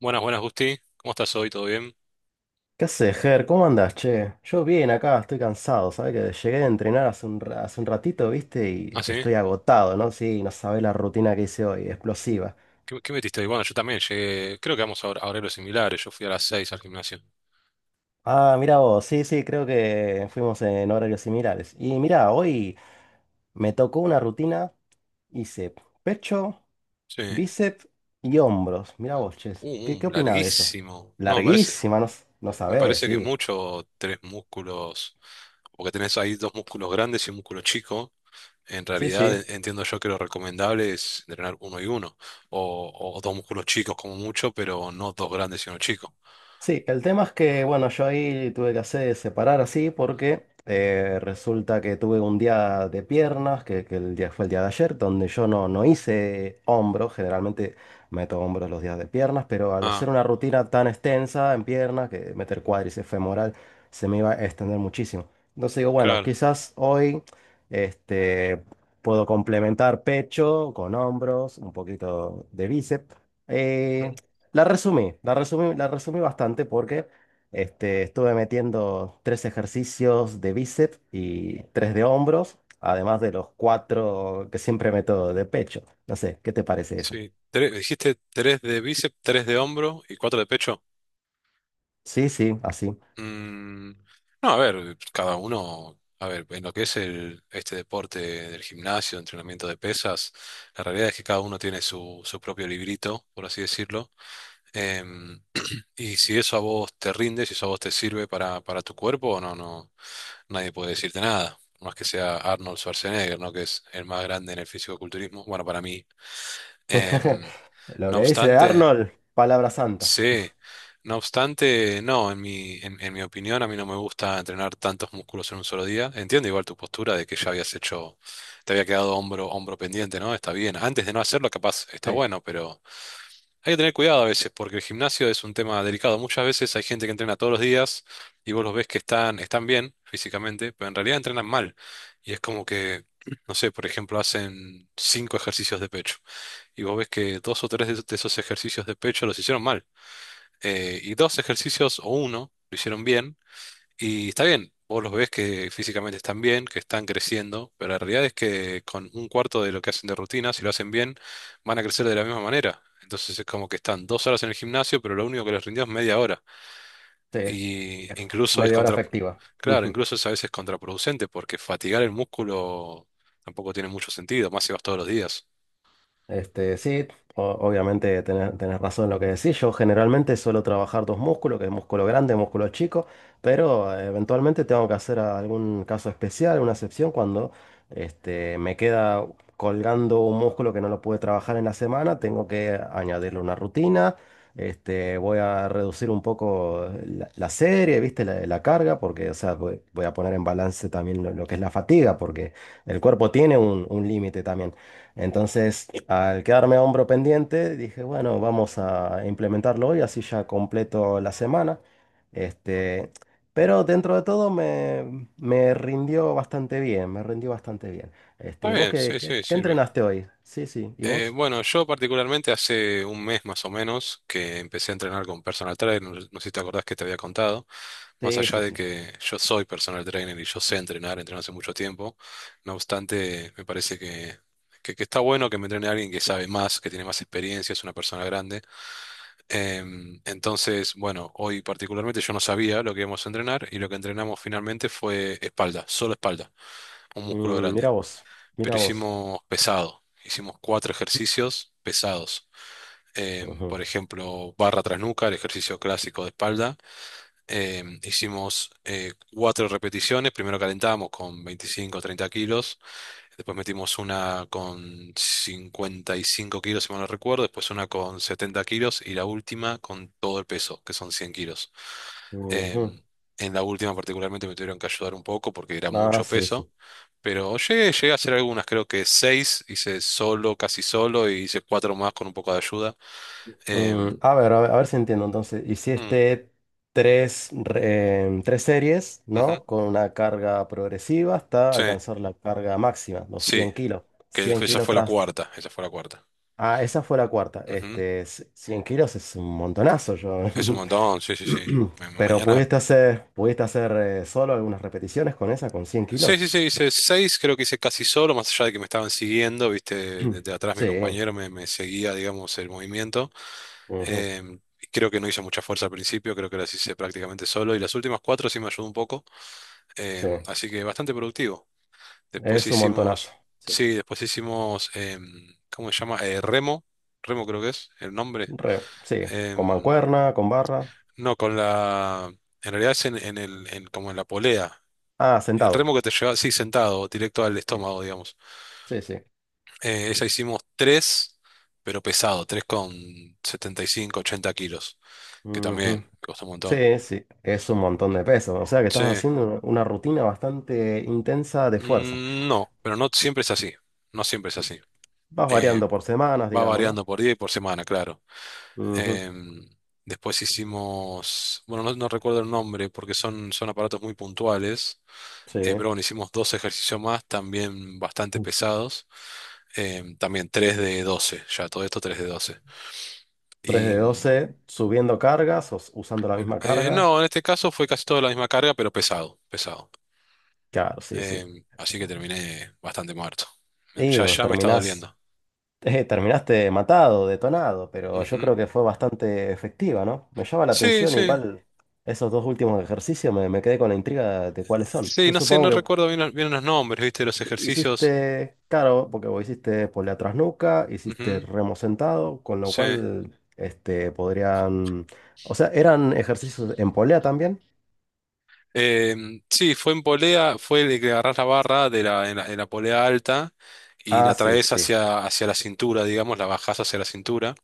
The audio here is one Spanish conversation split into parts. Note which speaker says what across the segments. Speaker 1: Buenas, buenas, Gusti. ¿Cómo estás hoy? ¿Todo bien?
Speaker 2: ¿Qué haces, Ger? ¿Cómo andás, che? Yo bien acá, estoy cansado, ¿sabes? Que llegué a entrenar hace hace un ratito, ¿viste?
Speaker 1: ¿Ah,
Speaker 2: Y
Speaker 1: sí?
Speaker 2: estoy agotado, ¿no? Sí, no sabés la rutina que hice hoy,
Speaker 1: Mm.
Speaker 2: explosiva.
Speaker 1: ¿Qué metiste hoy? Bueno, yo también llegué. Creo que vamos a horarios similares. Yo fui a las seis al gimnasio.
Speaker 2: Ah, mira vos, sí, sí, creo que fuimos en horarios similares. Y mira, hoy me tocó una rutina, hice pecho,
Speaker 1: Sí.
Speaker 2: bíceps y hombros. Mira vos, che, ¿qué, qué opinás de eso?
Speaker 1: Larguísimo. No,
Speaker 2: Larguísima, no, no
Speaker 1: me
Speaker 2: sabés,
Speaker 1: parece que es
Speaker 2: sí.
Speaker 1: mucho tres músculos. Porque tenés ahí dos músculos grandes y un músculo chico. En
Speaker 2: Sí,
Speaker 1: realidad,
Speaker 2: sí.
Speaker 1: entiendo yo que lo recomendable es entrenar uno y uno. O dos músculos chicos como mucho, pero no dos grandes y uno chico.
Speaker 2: Sí, el tema es que, bueno, yo ahí tuve que hacer separar así porque resulta que tuve un día de piernas, que el día fue el día de ayer, donde yo no hice hombros, generalmente meto hombros los días de piernas, pero al hacer
Speaker 1: Ah,
Speaker 2: una rutina tan extensa en piernas, que meter cuádriceps femoral, se me iba a extender muchísimo. Entonces digo, bueno,
Speaker 1: claro.
Speaker 2: quizás hoy este, puedo complementar pecho con hombros, un poquito de bíceps. eh,
Speaker 1: Mm.
Speaker 2: la resumí bastante porque estuve metiendo tres ejercicios de bíceps y tres de hombros, además de los cuatro que siempre meto de pecho. No sé, ¿qué te parece eso?
Speaker 1: Sí, dijiste tres de bíceps, tres de hombro y cuatro de pecho.
Speaker 2: Sí, sí, así.
Speaker 1: Mm, no, a ver, cada uno, a ver, en lo que es este deporte del gimnasio, entrenamiento de pesas, la realidad es que cada uno tiene su propio librito, por así decirlo. Em, y si eso a vos te rinde, si eso a vos te sirve para tu cuerpo, no nadie puede decirte nada. Por más que sea Arnold Schwarzenegger, ¿no? Que es el más grande en el fisicoculturismo. Bueno, para mí. Em,
Speaker 2: Lo
Speaker 1: no
Speaker 2: que dice
Speaker 1: obstante.
Speaker 2: Arnold, palabra santa.
Speaker 1: Sí, no obstante, no, en mi opinión, a mí no me gusta entrenar tantos músculos en un solo día. Entiendo igual tu postura de que ya habías hecho, te había quedado hombro pendiente, ¿no? Está bien. Antes de no hacerlo, capaz está
Speaker 2: Sí,
Speaker 1: bueno, pero hay que tener cuidado a veces, porque el gimnasio es un tema delicado. Muchas veces hay gente que entrena todos los días y vos los ves que están bien físicamente, pero en realidad entrenan mal. Y es como que, no sé, por ejemplo, hacen cinco ejercicios de pecho y vos ves que dos o tres de esos ejercicios de pecho los hicieron mal, y dos ejercicios o uno lo hicieron bien. Y está bien, vos los ves que físicamente están bien, que están creciendo, pero la realidad es que con un cuarto de lo que hacen de rutina, si lo hacen bien, van a crecer de la misma manera. Entonces es como que están dos horas en el gimnasio, pero lo único que les rindió es media hora.
Speaker 2: sí,
Speaker 1: Y
Speaker 2: es
Speaker 1: incluso es
Speaker 2: media hora
Speaker 1: contra...
Speaker 2: efectiva.
Speaker 1: Claro, incluso es a veces contraproducente porque fatigar el músculo tampoco tiene mucho sentido, más si vas todos los días.
Speaker 2: Este, sí, obviamente tenés razón en lo que decís. Yo generalmente suelo trabajar dos músculos, que es músculo grande, músculo chico, pero eventualmente tengo que hacer algún caso especial, una excepción, cuando me queda colgando un músculo que no lo pude trabajar en la semana, tengo que añadirle una rutina. Este, voy a reducir un poco la serie, ¿viste? La carga, porque, o sea, voy a poner en balance también lo que es la fatiga, porque el cuerpo tiene un límite también. Entonces, al quedarme a hombro pendiente, dije, bueno, vamos a implementarlo hoy, así ya completo la semana. Este,
Speaker 1: ¿Mm?
Speaker 2: pero dentro de todo me rindió bastante bien, me rindió bastante bien. Este,
Speaker 1: Está
Speaker 2: ¿y vos
Speaker 1: bien,
Speaker 2: qué,
Speaker 1: sí, sí,
Speaker 2: qué
Speaker 1: sirve.
Speaker 2: entrenaste hoy? Sí, sí. ¿Y vos?
Speaker 1: Bueno, yo particularmente hace un mes más o menos que empecé a entrenar con personal trainer, no sé si te acordás que te había contado, más
Speaker 2: Sí,
Speaker 1: allá
Speaker 2: sí,
Speaker 1: de
Speaker 2: sí.
Speaker 1: que yo soy personal trainer y yo sé entrenar, entreno hace mucho tiempo, no obstante, me parece que está bueno que me entrene alguien que sabe más, que tiene más experiencia, es una persona grande. Entonces, bueno, hoy particularmente yo no sabía lo que íbamos a entrenar y lo que entrenamos finalmente fue espalda, solo espalda, un músculo
Speaker 2: Mm, mira
Speaker 1: grande,
Speaker 2: vos, mira
Speaker 1: pero
Speaker 2: vos.
Speaker 1: hicimos pesado. Hicimos cuatro ejercicios pesados.
Speaker 2: Ujú,
Speaker 1: Por ejemplo, barra tras nuca, el ejercicio clásico de espalda. Hicimos cuatro repeticiones. Primero calentamos con 25 o 30 kilos. Después metimos una con 55 kilos, si mal no recuerdo. Después una con 70 kilos. Y la última con todo el peso, que son 100 kilos.
Speaker 2: ujú.
Speaker 1: Em, en la última particularmente me tuvieron que ayudar un poco porque era
Speaker 2: Ah,
Speaker 1: mucho
Speaker 2: sí,
Speaker 1: peso.
Speaker 2: sí.
Speaker 1: Pero llegué, llegué a hacer algunas, creo que seis, hice solo, casi solo, y hice cuatro más con un poco de ayuda.
Speaker 2: Mm,
Speaker 1: Em,
Speaker 2: a ver, a ver, a ver si entiendo. Entonces,
Speaker 1: mm,
Speaker 2: hiciste tres series,
Speaker 1: ujú,
Speaker 2: ¿no? Con una carga progresiva hasta
Speaker 1: sí,
Speaker 2: alcanzar la carga máxima, los
Speaker 1: sí,
Speaker 2: 100 kilos.
Speaker 1: que
Speaker 2: cien
Speaker 1: esa
Speaker 2: kilos
Speaker 1: fue la
Speaker 2: tras...
Speaker 1: cuarta, esa fue la cuarta.
Speaker 2: Ah, esa fue la cuarta.
Speaker 1: Ujú.
Speaker 2: Este, 100 kilos es un montonazo, yo.
Speaker 1: Es un montón, sí, sí, sí.
Speaker 2: Pero
Speaker 1: Mañana.
Speaker 2: pudiste hacer solo algunas repeticiones con esa, con cien
Speaker 1: Sí, sí,
Speaker 2: kilos.
Speaker 1: sí, hice seis, creo que hice casi solo, más allá de que me estaban siguiendo, viste, desde atrás
Speaker 2: Sí,
Speaker 1: me seguía, digamos, el movimiento.
Speaker 2: ujú,
Speaker 1: Y creo que no hice mucha fuerza al principio, creo que las hice prácticamente solo, y las últimas cuatro sí me ayudó un poco.
Speaker 2: sí.
Speaker 1: Así que bastante productivo. Después
Speaker 2: Es un montonazo.
Speaker 1: hicimos,
Speaker 2: Sí.
Speaker 1: sí, después hicimos, ¿cómo se llama? Remo, remo creo que es el nombre.
Speaker 2: Re, sí, con
Speaker 1: Em,
Speaker 2: mancuerna, con barra.
Speaker 1: no, en realidad es como en la polea.
Speaker 2: Ah,
Speaker 1: El
Speaker 2: sentado.
Speaker 1: remo que te lleva así sentado, directo al
Speaker 2: Sí.
Speaker 1: estómago, digamos.
Speaker 2: Sí, sí.
Speaker 1: Esa hicimos tres, pero pesado, tres con 75 80 kilos, que
Speaker 2: Ujú.
Speaker 1: también costó un montón.
Speaker 2: Sí, sí, es un montón de peso. O sea que
Speaker 1: Sí,
Speaker 2: estás haciendo una rutina bastante intensa de fuerza.
Speaker 1: mm, no, pero no siempre es así, no siempre es así.
Speaker 2: Vas variando
Speaker 1: Eh,
Speaker 2: por semanas,
Speaker 1: Va
Speaker 2: digamos, ¿no?
Speaker 1: variando por día y por semana, claro.
Speaker 2: Ujú.
Speaker 1: Em, Después hicimos, bueno, no recuerdo el nombre porque son aparatos muy puntuales,
Speaker 2: Sí.
Speaker 1: pero bueno, hicimos dos ejercicios más, también bastante pesados, también 3 de 12, ya todo esto 3 de 12.
Speaker 2: Tres de
Speaker 1: Y mm,
Speaker 2: 12 subiendo cargas o usando la misma carga.
Speaker 1: no, en este caso fue casi toda la misma carga, pero pesado, pesado.
Speaker 2: Claro, sí, sí.
Speaker 1: Así que terminé bastante muerto.
Speaker 2: Digo,
Speaker 1: Ya me está
Speaker 2: terminás,
Speaker 1: doliendo.
Speaker 2: terminaste matado, detonado, pero yo
Speaker 1: Ujú.
Speaker 2: creo que fue bastante efectiva, ¿no? Me llama la
Speaker 1: Sí,
Speaker 2: atención
Speaker 1: sí,
Speaker 2: igual esos dos últimos ejercicios, me quedé con la intriga de cuáles son.
Speaker 1: sí,
Speaker 2: Yo
Speaker 1: no sé,
Speaker 2: supongo
Speaker 1: no
Speaker 2: que
Speaker 1: recuerdo bien los nombres, ¿viste? De los ejercicios.
Speaker 2: hiciste, claro, porque vos hiciste polea tras nuca, hiciste
Speaker 1: Ujú.
Speaker 2: remo sentado, con lo
Speaker 1: Sí.
Speaker 2: cual este, podrían. O sea, ¿eran ejercicios en polea también?
Speaker 1: Sí, fue en polea, fue el que agarrás la barra de la, en la, en la polea alta y
Speaker 2: Ah,
Speaker 1: la
Speaker 2: sí,
Speaker 1: traes
Speaker 2: sí.
Speaker 1: hacia la cintura, digamos, la bajás hacia la cintura.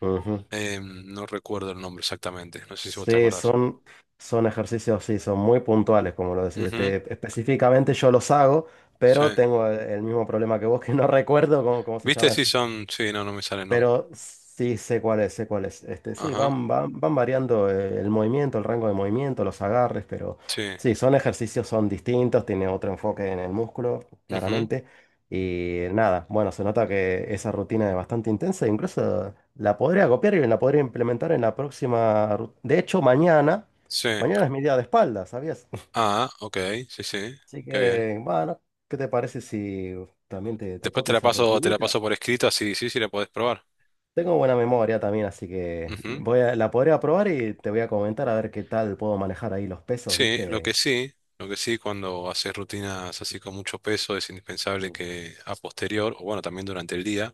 Speaker 2: Ujú.
Speaker 1: No recuerdo el nombre exactamente, no sé si vos te
Speaker 2: Sí,
Speaker 1: acordás.
Speaker 2: son, son ejercicios, sí, son muy puntuales, como lo decís.
Speaker 1: Ujú,
Speaker 2: Este, específicamente yo los hago,
Speaker 1: sí.
Speaker 2: pero tengo el mismo problema que vos, que no recuerdo cómo, cómo se
Speaker 1: ¿Viste?
Speaker 2: llama
Speaker 1: Sí,
Speaker 2: ese.
Speaker 1: son. Sí, no, no me sale el nombre.
Speaker 2: Pero sí sé cuál es, sé cuál es. Este, sí,
Speaker 1: Ajá,
Speaker 2: van, van, van variando el movimiento, el rango de movimiento, los agarres, pero
Speaker 1: sí.
Speaker 2: sí, son ejercicios, son distintos, tiene otro enfoque en el músculo,
Speaker 1: Ujú,
Speaker 2: claramente. Y nada, bueno, se nota que esa rutina es bastante intensa, e incluso la podría copiar y la podría implementar en la próxima. De hecho, mañana,
Speaker 1: sí.
Speaker 2: mañana es mi día de espalda, ¿sabías?
Speaker 1: Ah, ok, sí, sí,
Speaker 2: Así
Speaker 1: qué bien.
Speaker 2: que, bueno, ¿qué te parece si también te
Speaker 1: Después
Speaker 2: copio esa
Speaker 1: te la
Speaker 2: rutinita?
Speaker 1: paso por escrito, así sí, sí la podés probar.
Speaker 2: Tengo buena memoria también, así que
Speaker 1: Ujú.
Speaker 2: voy a, la podré probar y te voy a comentar a ver qué tal puedo manejar ahí los pesos,
Speaker 1: Sí,
Speaker 2: ¿viste?
Speaker 1: lo que sí, cuando haces rutinas así con mucho peso, es indispensable
Speaker 2: Mm.
Speaker 1: que a posterior, o bueno, también durante el día,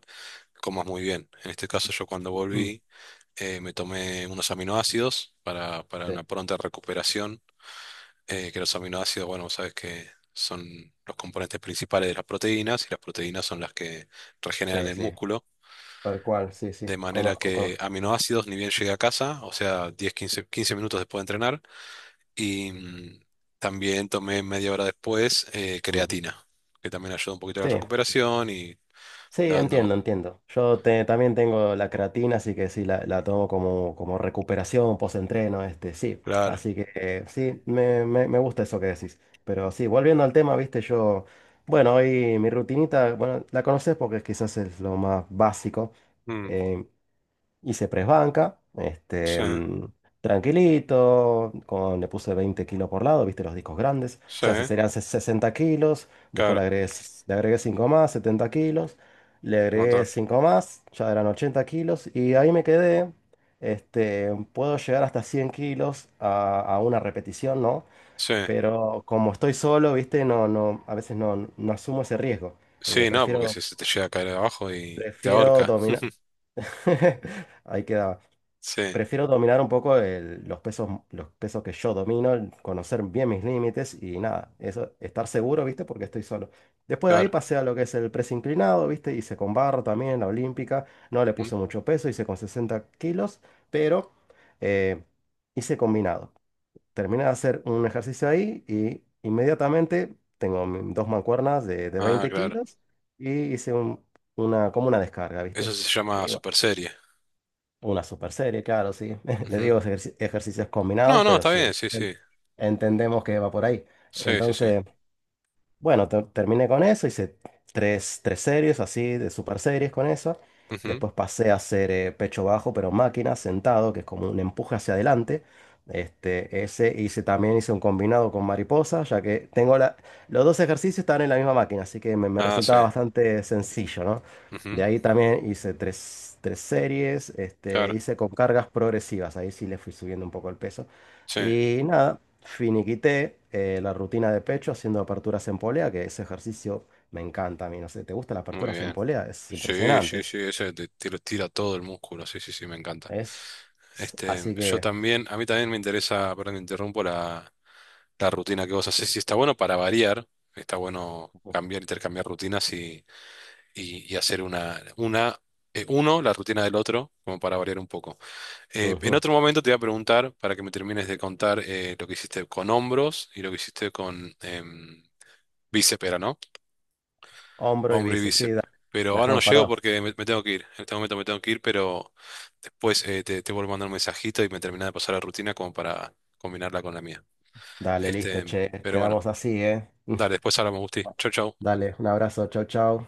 Speaker 1: comas muy bien. En este caso, yo cuando volví, me tomé unos aminoácidos para
Speaker 2: Sí,
Speaker 1: una pronta recuperación, que los aminoácidos, bueno, vos sabés que son los componentes principales de las proteínas, y las proteínas son las que regeneran
Speaker 2: sí,
Speaker 1: el
Speaker 2: sí,
Speaker 1: músculo.
Speaker 2: tal cual, sí, sí,
Speaker 1: De manera
Speaker 2: conozco,
Speaker 1: que
Speaker 2: conozco.
Speaker 1: aminoácidos, ni bien llegué a casa, o sea, 15 minutos después de entrenar, y mm, también tomé media hora después
Speaker 2: Ujú.
Speaker 1: creatina, que también ayuda un poquito a la
Speaker 2: Sí,
Speaker 1: recuperación y me
Speaker 2: sí,
Speaker 1: va
Speaker 2: entiendo,
Speaker 1: dando...
Speaker 2: entiendo. También tengo la creatina, así que sí, la tomo como, como recuperación, post-entreno, este, sí.
Speaker 1: Claro.
Speaker 2: Así que sí, me gusta eso que decís. Pero sí, volviendo al tema, ¿viste? Yo, bueno, hoy mi rutinita, bueno, la conoces porque quizás es lo más básico.
Speaker 1: Mm,
Speaker 2: Eh, Hice press banca, este,
Speaker 1: sí,
Speaker 2: mm, tranquilito, con, le puse 20 kilos por lado, viste los discos grandes, o
Speaker 1: sí,
Speaker 2: sea, serían 60 kilos, después le
Speaker 1: claro,
Speaker 2: agregué, le agregué 5 más, 70 kilos, le
Speaker 1: un
Speaker 2: agregué
Speaker 1: montón.
Speaker 2: 5 más, ya eran 80 kilos, y ahí me quedé, este, puedo llegar hasta 100 kilos a una repetición, ¿no?
Speaker 1: Sí,
Speaker 2: Pero como estoy solo, viste, no, a veces no asumo ese riesgo, eh,
Speaker 1: sí, no, porque
Speaker 2: prefiero,
Speaker 1: si se te llega a caer abajo y te
Speaker 2: prefiero
Speaker 1: ahorca.
Speaker 2: dominar, ahí quedaba.
Speaker 1: Sí,
Speaker 2: Prefiero dominar un poco los pesos que yo domino, el conocer bien mis límites y nada, eso, estar seguro, ¿viste? Porque estoy solo. Después de ahí
Speaker 1: claro.
Speaker 2: pasé a lo que es el press inclinado, ¿viste? Hice con barra también, la olímpica, no le
Speaker 1: Ujú.
Speaker 2: puse mucho peso, hice con 60 kilos, pero eh, hice combinado. Terminé de hacer un ejercicio ahí y inmediatamente tengo dos mancuernas de
Speaker 1: Ah,
Speaker 2: 20
Speaker 1: claro.
Speaker 2: kilos y hice una, como una descarga, ¿viste?
Speaker 1: Eso se llama
Speaker 2: Eh,
Speaker 1: super serie.
Speaker 2: una super serie, claro, sí. Le
Speaker 1: Ujú.
Speaker 2: digo ejercicios combinados,
Speaker 1: No, no,
Speaker 2: pero
Speaker 1: está
Speaker 2: sí,
Speaker 1: bien, sí,
Speaker 2: ent-
Speaker 1: sí.
Speaker 2: entendemos que va por ahí.
Speaker 1: Sí, sí, sí.
Speaker 2: Entonces, bueno, terminé con eso, hice tres, tres series así, de super series con eso.
Speaker 1: Ujú.
Speaker 2: Después pasé a hacer pecho bajo, pero máquina, sentado, que es como un empuje hacia adelante. Este, ese hice también, hice un combinado con mariposa, ya que tengo la, los dos ejercicios están en la misma máquina, así que me
Speaker 1: Ah, sí.
Speaker 2: resultaba bastante sencillo, ¿no?
Speaker 1: Ujú,
Speaker 2: De ahí también hice tres, tres series, este,
Speaker 1: claro.
Speaker 2: hice con cargas progresivas, ahí sí le fui subiendo un poco el peso.
Speaker 1: Sí,
Speaker 2: Y nada, finiquité la rutina de pecho haciendo aperturas en polea, que ese ejercicio me encanta a mí. No sé, ¿te gustan las
Speaker 1: muy
Speaker 2: aperturas en
Speaker 1: bien.
Speaker 2: polea? Es
Speaker 1: Sí,
Speaker 2: impresionante.
Speaker 1: sí, sí, ese te, te lo tira todo el músculo, sí, sí, sí, me encanta.
Speaker 2: Es-
Speaker 1: Este,
Speaker 2: Así
Speaker 1: yo
Speaker 2: que,
Speaker 1: también, a mí también me interesa, perdón, te interrumpo la rutina que vos haces. Sí, está bueno para variar, está bueno cambiar, intercambiar rutinas y hacer uno, la rutina del otro, como para variar un poco. En
Speaker 2: ujú.
Speaker 1: otro momento te voy a preguntar, para que me termines de contar lo que hiciste con hombros y lo que hiciste con bíceps, era, ¿no?
Speaker 2: Hombro y
Speaker 1: Hombro y
Speaker 2: bíceps, sí,
Speaker 1: bíceps.
Speaker 2: dale. La
Speaker 1: Pero ahora no
Speaker 2: dejamos
Speaker 1: llego
Speaker 2: parado.
Speaker 1: porque me tengo que ir. En este momento me tengo que ir, pero después te vuelvo a mandar un mensajito y me termina de pasar la rutina como para combinarla con la mía.
Speaker 2: Dale, listo,
Speaker 1: Este,
Speaker 2: che.
Speaker 1: pero bueno,
Speaker 2: Quedamos así, ¿eh?
Speaker 1: dale, después hablamos, Gusti. Chau, chau.
Speaker 2: Dale, un abrazo, chau, chau.